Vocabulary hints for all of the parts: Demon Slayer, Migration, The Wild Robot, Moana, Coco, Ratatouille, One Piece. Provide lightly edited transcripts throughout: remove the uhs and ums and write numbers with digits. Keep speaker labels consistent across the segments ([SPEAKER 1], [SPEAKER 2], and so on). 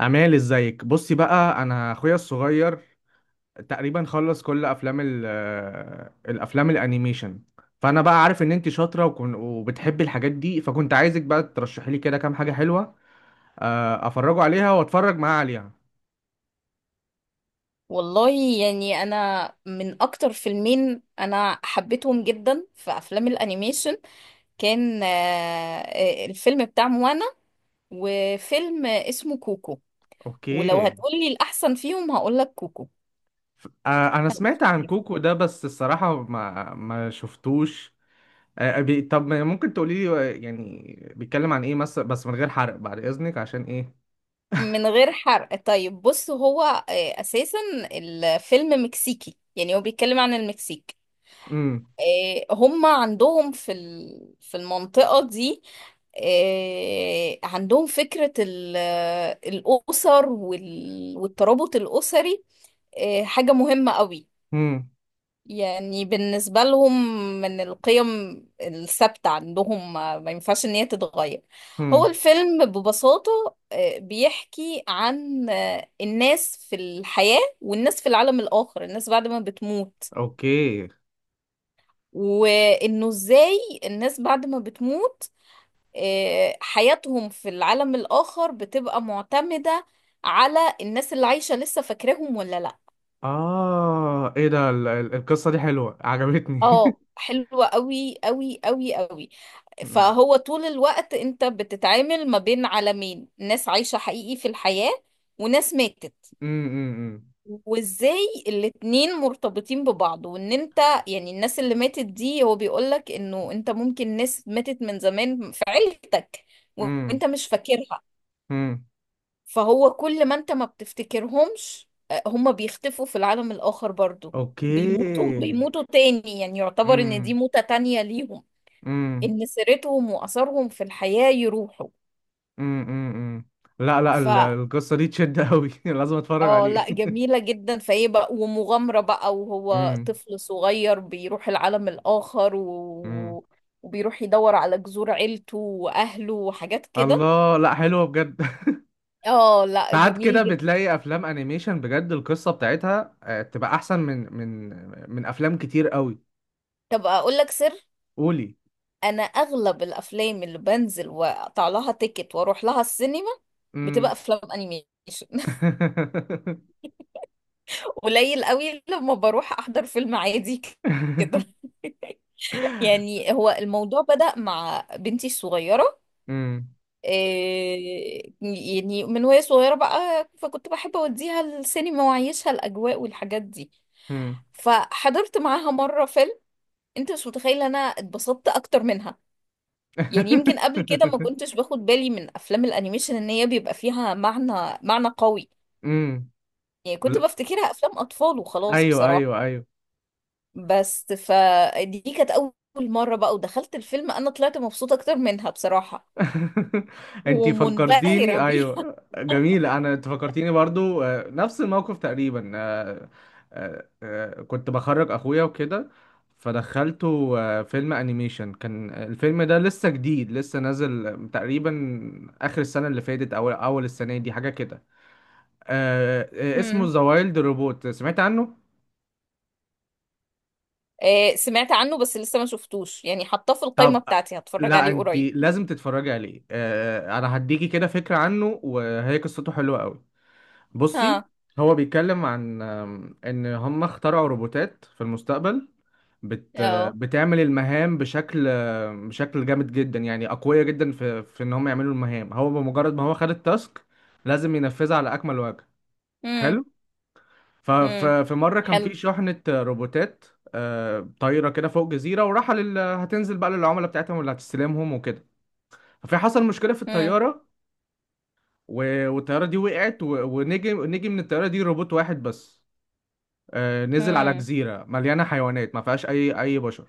[SPEAKER 1] امال، ازيك؟ بصي بقى، انا اخويا الصغير تقريبا خلص كل افلام ال آه، الافلام الانيميشن، فانا بقى عارف ان انت شاطره وكن وبتحبي الحاجات دي، فكنت عايزك بقى ترشحي لي كده كام حاجه حلوه، افرجه عليها واتفرج معاه عليها.
[SPEAKER 2] والله. يعني انا من اكتر فيلمين انا حبيتهم جدا في افلام الانيميشن، كان الفيلم بتاع موانا وفيلم اسمه كوكو. ولو
[SPEAKER 1] اوكي.
[SPEAKER 2] هتقولي الاحسن فيهم هقولك كوكو.
[SPEAKER 1] انا سمعت عن كوكو ده، بس الصراحه ما شفتوش. طب ما ممكن تقولي لي، يعني بيتكلم عن ايه مثلا؟ بس من غير حرق بعد اذنك، عشان ايه.
[SPEAKER 2] من غير حرق، طيب بص هو اساسا الفيلم مكسيكي، يعني هو بيتكلم عن المكسيك.
[SPEAKER 1] امم.
[SPEAKER 2] هم عندهم في المنطقة دي عندهم فكرة الأسر والترابط الأسري، حاجة مهمة قوي يعني بالنسبة لهم، من القيم الثابتة عندهم ما ينفعش إن هي تتغير. هو
[SPEAKER 1] امم.
[SPEAKER 2] الفيلم ببساطة بيحكي عن الناس في الحياة والناس في العالم الآخر، الناس بعد ما بتموت.
[SPEAKER 1] اوكي.
[SPEAKER 2] وانه ازاي الناس بعد ما بتموت حياتهم في العالم الاخر بتبقى معتمدة على الناس اللي عايشة لسه، فاكراهم ولا لا.
[SPEAKER 1] إيه ده؟ القصة دي حلوة عجبتني.
[SPEAKER 2] اه، حلوة قوي قوي قوي قوي.
[SPEAKER 1] أمم.
[SPEAKER 2] فهو طول الوقت انت بتتعامل ما بين عالمين، ناس عايشة حقيقي في الحياة وناس ماتت.
[SPEAKER 1] أمم.
[SPEAKER 2] وازاي الاتنين مرتبطين ببعض، وان انت يعني الناس اللي ماتت دي، هو بيقولك انه انت ممكن ناس ماتت من زمان في عيلتك
[SPEAKER 1] أمم.
[SPEAKER 2] وانت مش فاكرها.
[SPEAKER 1] أمم.
[SPEAKER 2] فهو كل ما انت ما بتفتكرهمش هما بيختفوا في العالم الآخر برضو، بيموتوا
[SPEAKER 1] أوكي.
[SPEAKER 2] بيموتوا تاني، يعني يعتبر ان
[SPEAKER 1] أمم.
[SPEAKER 2] دي موتة تانية ليهم،
[SPEAKER 1] أمم.
[SPEAKER 2] ان سيرتهم وأثرهم في الحياة يروحوا.
[SPEAKER 1] أمم. أمم. لا لا،
[SPEAKER 2] ف
[SPEAKER 1] القصة دي تشد أوي. لازم أتفرج
[SPEAKER 2] اه
[SPEAKER 1] عليه.
[SPEAKER 2] لا، جميلة جدا. فايه بقى ومغامرة بقى، وهو
[SPEAKER 1] أمم.
[SPEAKER 2] طفل صغير بيروح العالم الآخر
[SPEAKER 1] أمم.
[SPEAKER 2] وبيروح يدور على جذور عيلته وأهله وحاجات كده.
[SPEAKER 1] الله، لا، حلوة بجد.
[SPEAKER 2] اه لا،
[SPEAKER 1] ساعات كده
[SPEAKER 2] جميل جدا.
[SPEAKER 1] بتلاقي افلام انيميشن بجد، القصه بتاعتها تبقى احسن من افلام كتير قوي.
[SPEAKER 2] طب أقول لك سر.
[SPEAKER 1] قولي.
[SPEAKER 2] أنا أغلب الأفلام اللي بنزل وأقطع لها تيكت وأروح لها السينما
[SPEAKER 1] امم.
[SPEAKER 2] بتبقى أفلام أنيميشن. قليل قوي لما بروح أحضر فيلم عادي كده. يعني هو الموضوع بدأ مع بنتي الصغيرة.
[SPEAKER 1] امم.
[SPEAKER 2] إيه، يعني من وهي صغيرة بقى، فكنت بحب أوديها السينما وأعيشها الأجواء والحاجات دي.
[SPEAKER 1] امم.
[SPEAKER 2] فحضرت معاها مرة فيلم، أنت مش متخيلة أنا اتبسطت أكتر منها. يعني يمكن قبل كده ما كنتش باخد بالي من أفلام الأنيميشن إن هي بيبقى فيها معنى معنى قوي.
[SPEAKER 1] امم.
[SPEAKER 2] يعني كنت
[SPEAKER 1] لا.
[SPEAKER 2] بفتكرها أفلام أطفال وخلاص
[SPEAKER 1] ايوه
[SPEAKER 2] بصراحة.
[SPEAKER 1] ايوه ايوه.
[SPEAKER 2] بس فدي كانت أول مرة بقى، ودخلت الفيلم أنا طلعت مبسوطة أكتر منها بصراحة،
[SPEAKER 1] انتي فكرتيني،
[SPEAKER 2] ومنبهرة بيها.
[SPEAKER 1] ايوه جميل، انت فكرتيني برضو نفس الموقف تقريبا. كنت بخرج اخويا وكده، فدخلته فيلم انيميشن. كان الفيلم ده لسه جديد، لسه نازل تقريبا اخر السنه اللي فاتت او اول السنه دي، حاجه كده. اسمه ذا وايلد روبوت، سمعت عنه؟
[SPEAKER 2] سمعت عنه بس لسه ما شفتوش، يعني حطاه في القائمة
[SPEAKER 1] طب،
[SPEAKER 2] بتاعتي هتفرج
[SPEAKER 1] لا،
[SPEAKER 2] عليه
[SPEAKER 1] انت
[SPEAKER 2] قريب.
[SPEAKER 1] لازم تتفرجي عليه. انا هديكي كده فكرة عنه، وهي قصته حلوة قوي. بصي،
[SPEAKER 2] ها.
[SPEAKER 1] هو بيتكلم عن، ان هم اخترعوا روبوتات في المستقبل، بت
[SPEAKER 2] اه.
[SPEAKER 1] بتعمل المهام بشكل، بشكل جامد جدا، يعني اقوياء جدا في ان هم يعملوا المهام. هو بمجرد ما هو خد التاسك لازم ينفذها على اكمل وجه.
[SPEAKER 2] امم.
[SPEAKER 1] حلو.
[SPEAKER 2] امم.
[SPEAKER 1] ففي مرة كان
[SPEAKER 2] حلو.
[SPEAKER 1] في شحنة روبوتات طايرة كده فوق جزيرة، هتنزل بقى للعملاء بتاعتهم اللي هتستلمهم وكده، فحصل مشكلة في
[SPEAKER 2] امم.
[SPEAKER 1] الطيارة والطيارة دي وقعت، ونجي نجي من الطيارة دي روبوت واحد بس، نزل على
[SPEAKER 2] امم.
[SPEAKER 1] جزيرة مليانة حيوانات، ما فيهاش أي بشر.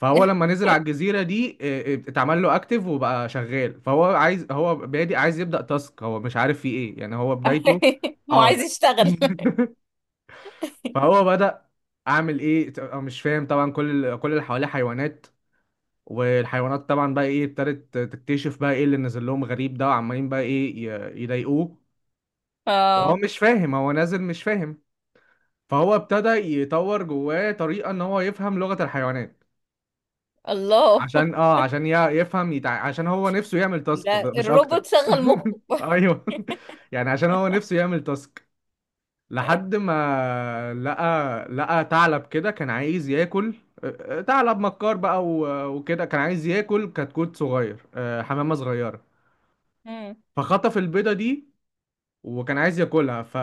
[SPEAKER 1] فهو لما نزل على الجزيرة دي اتعمل له اكتف وبقى شغال، فهو عايز، هو بادئ عايز يبدأ تاسك، هو مش عارف فيه ايه، يعني هو بدايته.
[SPEAKER 2] هو عايز
[SPEAKER 1] اه.
[SPEAKER 2] يشتغل.
[SPEAKER 1] فهو بدأ، اعمل ايه؟ أنا مش فاهم طبعا، كل كل اللي حواليه حيوانات، والحيوانات طبعا بقى ايه، ابتدت تكتشف بقى ايه اللي نزل لهم غريب ده، وعمالين بقى ايه يضايقوه، وهو
[SPEAKER 2] اه.
[SPEAKER 1] مش فاهم، هو نازل مش فاهم. فهو ابتدى يطور جواه طريقة ان هو يفهم لغة الحيوانات،
[SPEAKER 2] الله،
[SPEAKER 1] عشان يفهم عشان هو نفسه يعمل تاسك،
[SPEAKER 2] ده
[SPEAKER 1] مش اكتر.
[SPEAKER 2] الروبوت شغل مخه.
[SPEAKER 1] ايوه، يعني عشان هو نفسه يعمل تاسك، لحد ما لقى، لقى ثعلب كده كان عايز ياكل. ثعلب مكار بقى وكده، كان عايز ياكل كتكوت صغير، حمامة صغيرة،
[SPEAKER 2] امم.
[SPEAKER 1] فخطف البيضة دي وكان عايز ياكلها.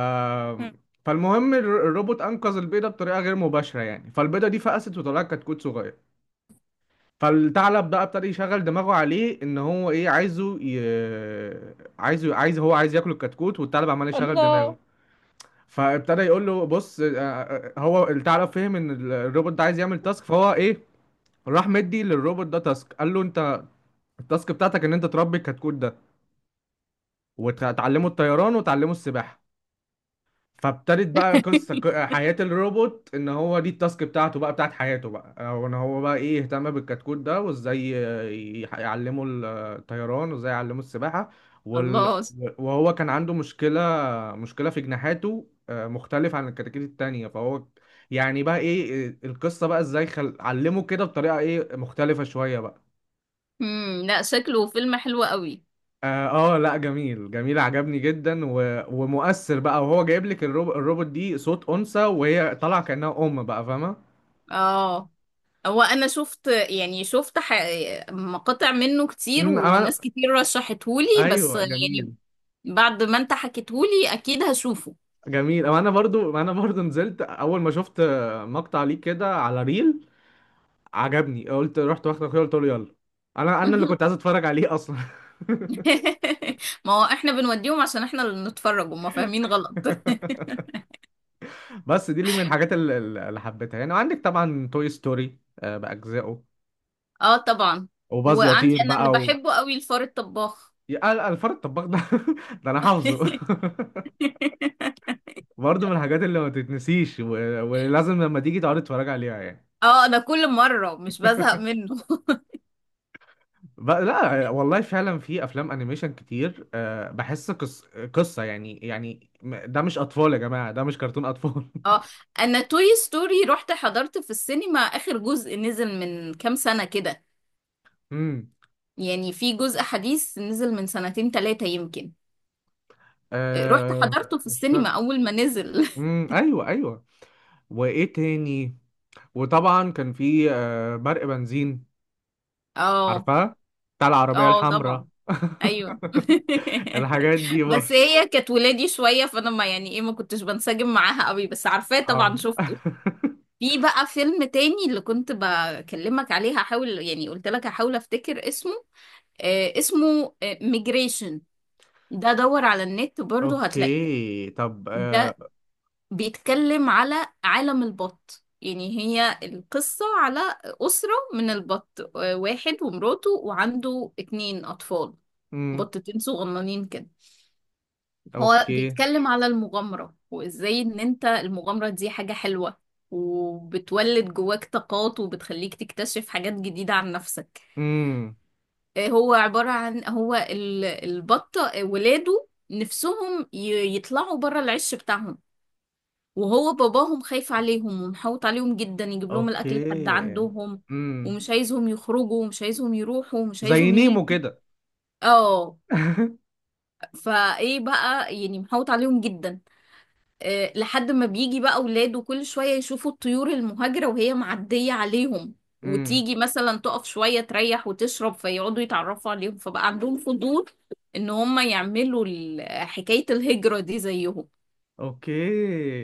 [SPEAKER 1] فالمهم الروبوت انقذ البيضه بطريقه غير مباشره، يعني فالبيضه دي فقست وطلعت كتكوت صغير. فالثعلب بقى ابتدى يشغل دماغه عليه ان هو ايه عايزه، عايزه، عايز، هو عايز ياكل الكتكوت، والثعلب عمال يشغل دماغه.
[SPEAKER 2] الله.
[SPEAKER 1] فابتدى يقول له، بص، هو الثعلب فهم ان الروبوت ده عايز يعمل تاسك، فهو ايه، راح مدي للروبوت ده تاسك، قال له، انت التاسك بتاعتك ان انت تربي الكتكوت ده وتعلمه الطيران وتعلمه السباحه. فابتدت بقى قصة، حياة الروبوت ان هو دي التاسك بتاعته بقى، بتاعت حياته بقى، او ان هو بقى ايه، يهتم بالكتكوت ده وازاي يعلمه الطيران وازاي يعلمه السباحة وال...
[SPEAKER 2] الله.
[SPEAKER 1] وهو كان عنده مشكلة، مشكلة في جناحاته، مختلف عن الكتاكيت التانية، فهو يعني بقى ايه، القصة بقى ازاي علمه كده بطريقة ايه مختلفة شوية بقى.
[SPEAKER 2] امم. لا، شكله فيلم حلو قوي.
[SPEAKER 1] اه. لا جميل جميل، عجبني جدا، و... ومؤثر بقى. وهو جايب لك الروبوت دي صوت انثى، وهي طالعه كانها ام بقى، فاهمه.
[SPEAKER 2] اه، هو انا شفت، يعني شفت مقاطع منه كتير،
[SPEAKER 1] امم. انا،
[SPEAKER 2] وناس كتير رشحتهولي، بس
[SPEAKER 1] ايوه
[SPEAKER 2] يعني
[SPEAKER 1] جميل
[SPEAKER 2] بعد ما انت حكيتهولي اكيد هشوفه.
[SPEAKER 1] جميل. أما انا برضو نزلت اول ما شفت مقطع ليه كده على ريل، عجبني، قلت رحت واخد اخويا، قلت له يلا، انا اللي كنت عايز اتفرج عليه اصلا.
[SPEAKER 2] ما هو احنا بنوديهم عشان احنا اللي نتفرج، وما فاهمين غلط.
[SPEAKER 1] بس دي اللي من الحاجات اللي حبيتها يعني، وعندك طبعا توي ستوري باجزائه
[SPEAKER 2] اه طبعا.
[SPEAKER 1] وباز
[SPEAKER 2] وعندي
[SPEAKER 1] يطير
[SPEAKER 2] انا اللي
[SPEAKER 1] بقى.
[SPEAKER 2] بحبه قوي الفار الطباخ.
[SPEAKER 1] يا قال الفار الطباخ ده! ده انا حافظه. برضه من الحاجات اللي ما تتنسيش، و... ولازم لما تيجي تقعد تتفرج عليها يعني.
[SPEAKER 2] اه، انا كل مرة مش بزهق منه.
[SPEAKER 1] لا والله فعلا في افلام انيميشن كتير، بحس قصه يعني ده مش اطفال يا جماعه، ده مش كرتون اطفال.
[SPEAKER 2] اه، انا توي ستوري رحت حضرت في السينما اخر جزء نزل من كام سنة كده،
[SPEAKER 1] امم.
[SPEAKER 2] يعني في جزء حديث نزل من سنتين تلاتة يمكن، رحت
[SPEAKER 1] أه.
[SPEAKER 2] حضرته في
[SPEAKER 1] مش
[SPEAKER 2] السينما
[SPEAKER 1] فاكر.
[SPEAKER 2] أول ما نزل.
[SPEAKER 1] امم، ايوه ايوه. وايه تاني؟ وطبعا كان في برق بنزين،
[SPEAKER 2] اه.
[SPEAKER 1] عارفاه، بتاع العربيه
[SPEAKER 2] اه
[SPEAKER 1] الحمراء.
[SPEAKER 2] طبعا. ايوه.
[SPEAKER 1] الحاجات دي برضه.
[SPEAKER 2] بس هي كانت ولادي شوية، فانا ما، يعني ايه، ما كنتش بنسجم معاها قوي، بس عارفاه
[SPEAKER 1] اه.
[SPEAKER 2] طبعا، شفته. في بقى فيلم تاني اللي كنت بكلمك عليه، هحاول، يعني قلت لك هحاول افتكر اسمه. اسمه ميجريشن. ده دور على النت برضه هتلاقيه.
[SPEAKER 1] اوكي، طب.
[SPEAKER 2] ده بيتكلم على عالم البط. يعني هي القصة على أسرة من البط، واحد ومراته وعنده اتنين أطفال،
[SPEAKER 1] امم.
[SPEAKER 2] بطتين صغننين كده. هو
[SPEAKER 1] اوكي.
[SPEAKER 2] بيتكلم على المغامرة، وإزاي إن أنت المغامرة دي حاجة حلوة، وبتولد جواك طاقات، وبتخليك تكتشف حاجات جديدة عن نفسك.
[SPEAKER 1] امم.
[SPEAKER 2] هو عبارة عن، البطة ولاده نفسهم يطلعوا بره العش بتاعهم، وهو باباهم خايف عليهم ومحوط عليهم جدا، يجيب لهم
[SPEAKER 1] اوكي.
[SPEAKER 2] الاكل لحد عندهم،
[SPEAKER 1] امم.
[SPEAKER 2] ومش عايزهم يخرجوا ومش عايزهم يروحوا ومش
[SPEAKER 1] زي
[SPEAKER 2] عايزهم
[SPEAKER 1] نيمو كده.
[SPEAKER 2] اه. فايه بقى، يعني محوط عليهم جدا. أه، لحد ما بيجي بقى اولاده كل شوية يشوفوا الطيور المهاجرة وهي معدية عليهم،
[SPEAKER 1] امم.
[SPEAKER 2] وتيجي مثلا تقف شوية تريح وتشرب، فيقعدوا يتعرفوا عليهم، فبقى عندهم فضول ان هم يعملوا حكاية الهجرة دي زيهم.
[SPEAKER 1] اوكي.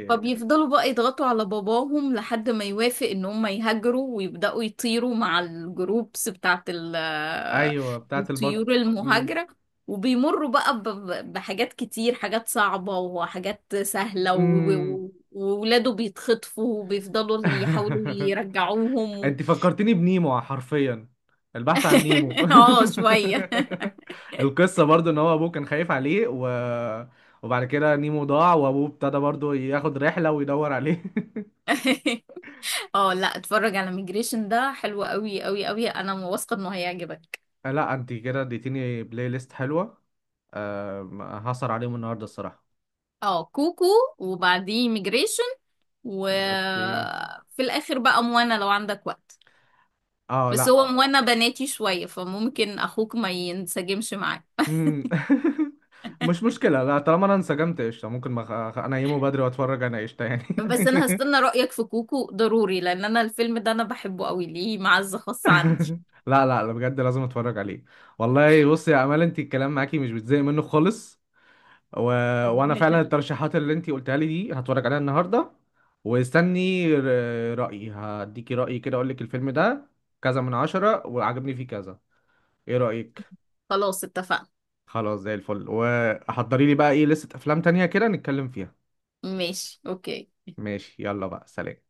[SPEAKER 2] فبيفضلوا بقى يضغطوا على باباهم لحد ما يوافق ان هم يهاجروا، ويبدأوا يطيروا مع الجروبس بتاعت
[SPEAKER 1] ايوه، بتاعت
[SPEAKER 2] الطيور
[SPEAKER 1] البط. امم.
[SPEAKER 2] المهاجرة، وبيمروا بقى بحاجات كتير، حاجات صعبة وحاجات سهلة،
[SPEAKER 1] امم.
[SPEAKER 2] وولاده بيتخطفوا وبيفضلوا يحاولوا يرجعوهم.
[SPEAKER 1] انت فكرتني بنيمو حرفيا، البحث عن نيمو.
[SPEAKER 2] اه شوية.
[SPEAKER 1] القصة برضو ان هو ابوه كان خايف عليه، و... وبعد كده نيمو ضاع، وابوه ابتدى برضو ياخد رحلة ويدور عليه.
[SPEAKER 2] اه لا، اتفرج على ميجريشن، ده حلو قوي قوي قوي، انا واثقة انه هيعجبك.
[SPEAKER 1] لا، انت كده اديتيني بلاي ليست حلوة. هسهر عليهم النهاردة الصراحة.
[SPEAKER 2] اه، كوكو وبعديه ميجريشن،
[SPEAKER 1] اوكي.
[SPEAKER 2] وفي الاخر بقى موانا لو عندك وقت.
[SPEAKER 1] اه،
[SPEAKER 2] بس
[SPEAKER 1] لا.
[SPEAKER 2] هو موانا بناتي شوية، فممكن اخوك ما ينسجمش معاه،
[SPEAKER 1] مم. مش مشكلة، لا طالما انا انسجمت قشطة، ممكن ما انيمه بدري واتفرج انا قشطة يعني.
[SPEAKER 2] بس انا هستنى رأيك في كوكو ضروري، لان انا الفيلم ده انا بحبه قوي، ليه معزة خاصة عندي.
[SPEAKER 1] لا لا لا، بجد لازم اتفرج عليه. والله بصي يا امال، انت الكلام معاكي مش بتزهق منه خالص، و... وانا
[SPEAKER 2] ربنا
[SPEAKER 1] فعلا
[SPEAKER 2] يخليك.
[SPEAKER 1] الترشيحات اللي انت قلتها لي دي هتفرج عليها النهاردة، واستني رأيي، هديكي رأيي كده، اقول لك الفيلم ده كذا من 10، وعجبني فيه كذا. ايه رأيك؟
[SPEAKER 2] خلاص اتفقنا.
[SPEAKER 1] خلاص، زي الفل، وحضري لي بقى ايه لستة افلام تانية كده نتكلم فيها.
[SPEAKER 2] ماشي، اوكي.
[SPEAKER 1] ماشي، يلا بقى، سلام.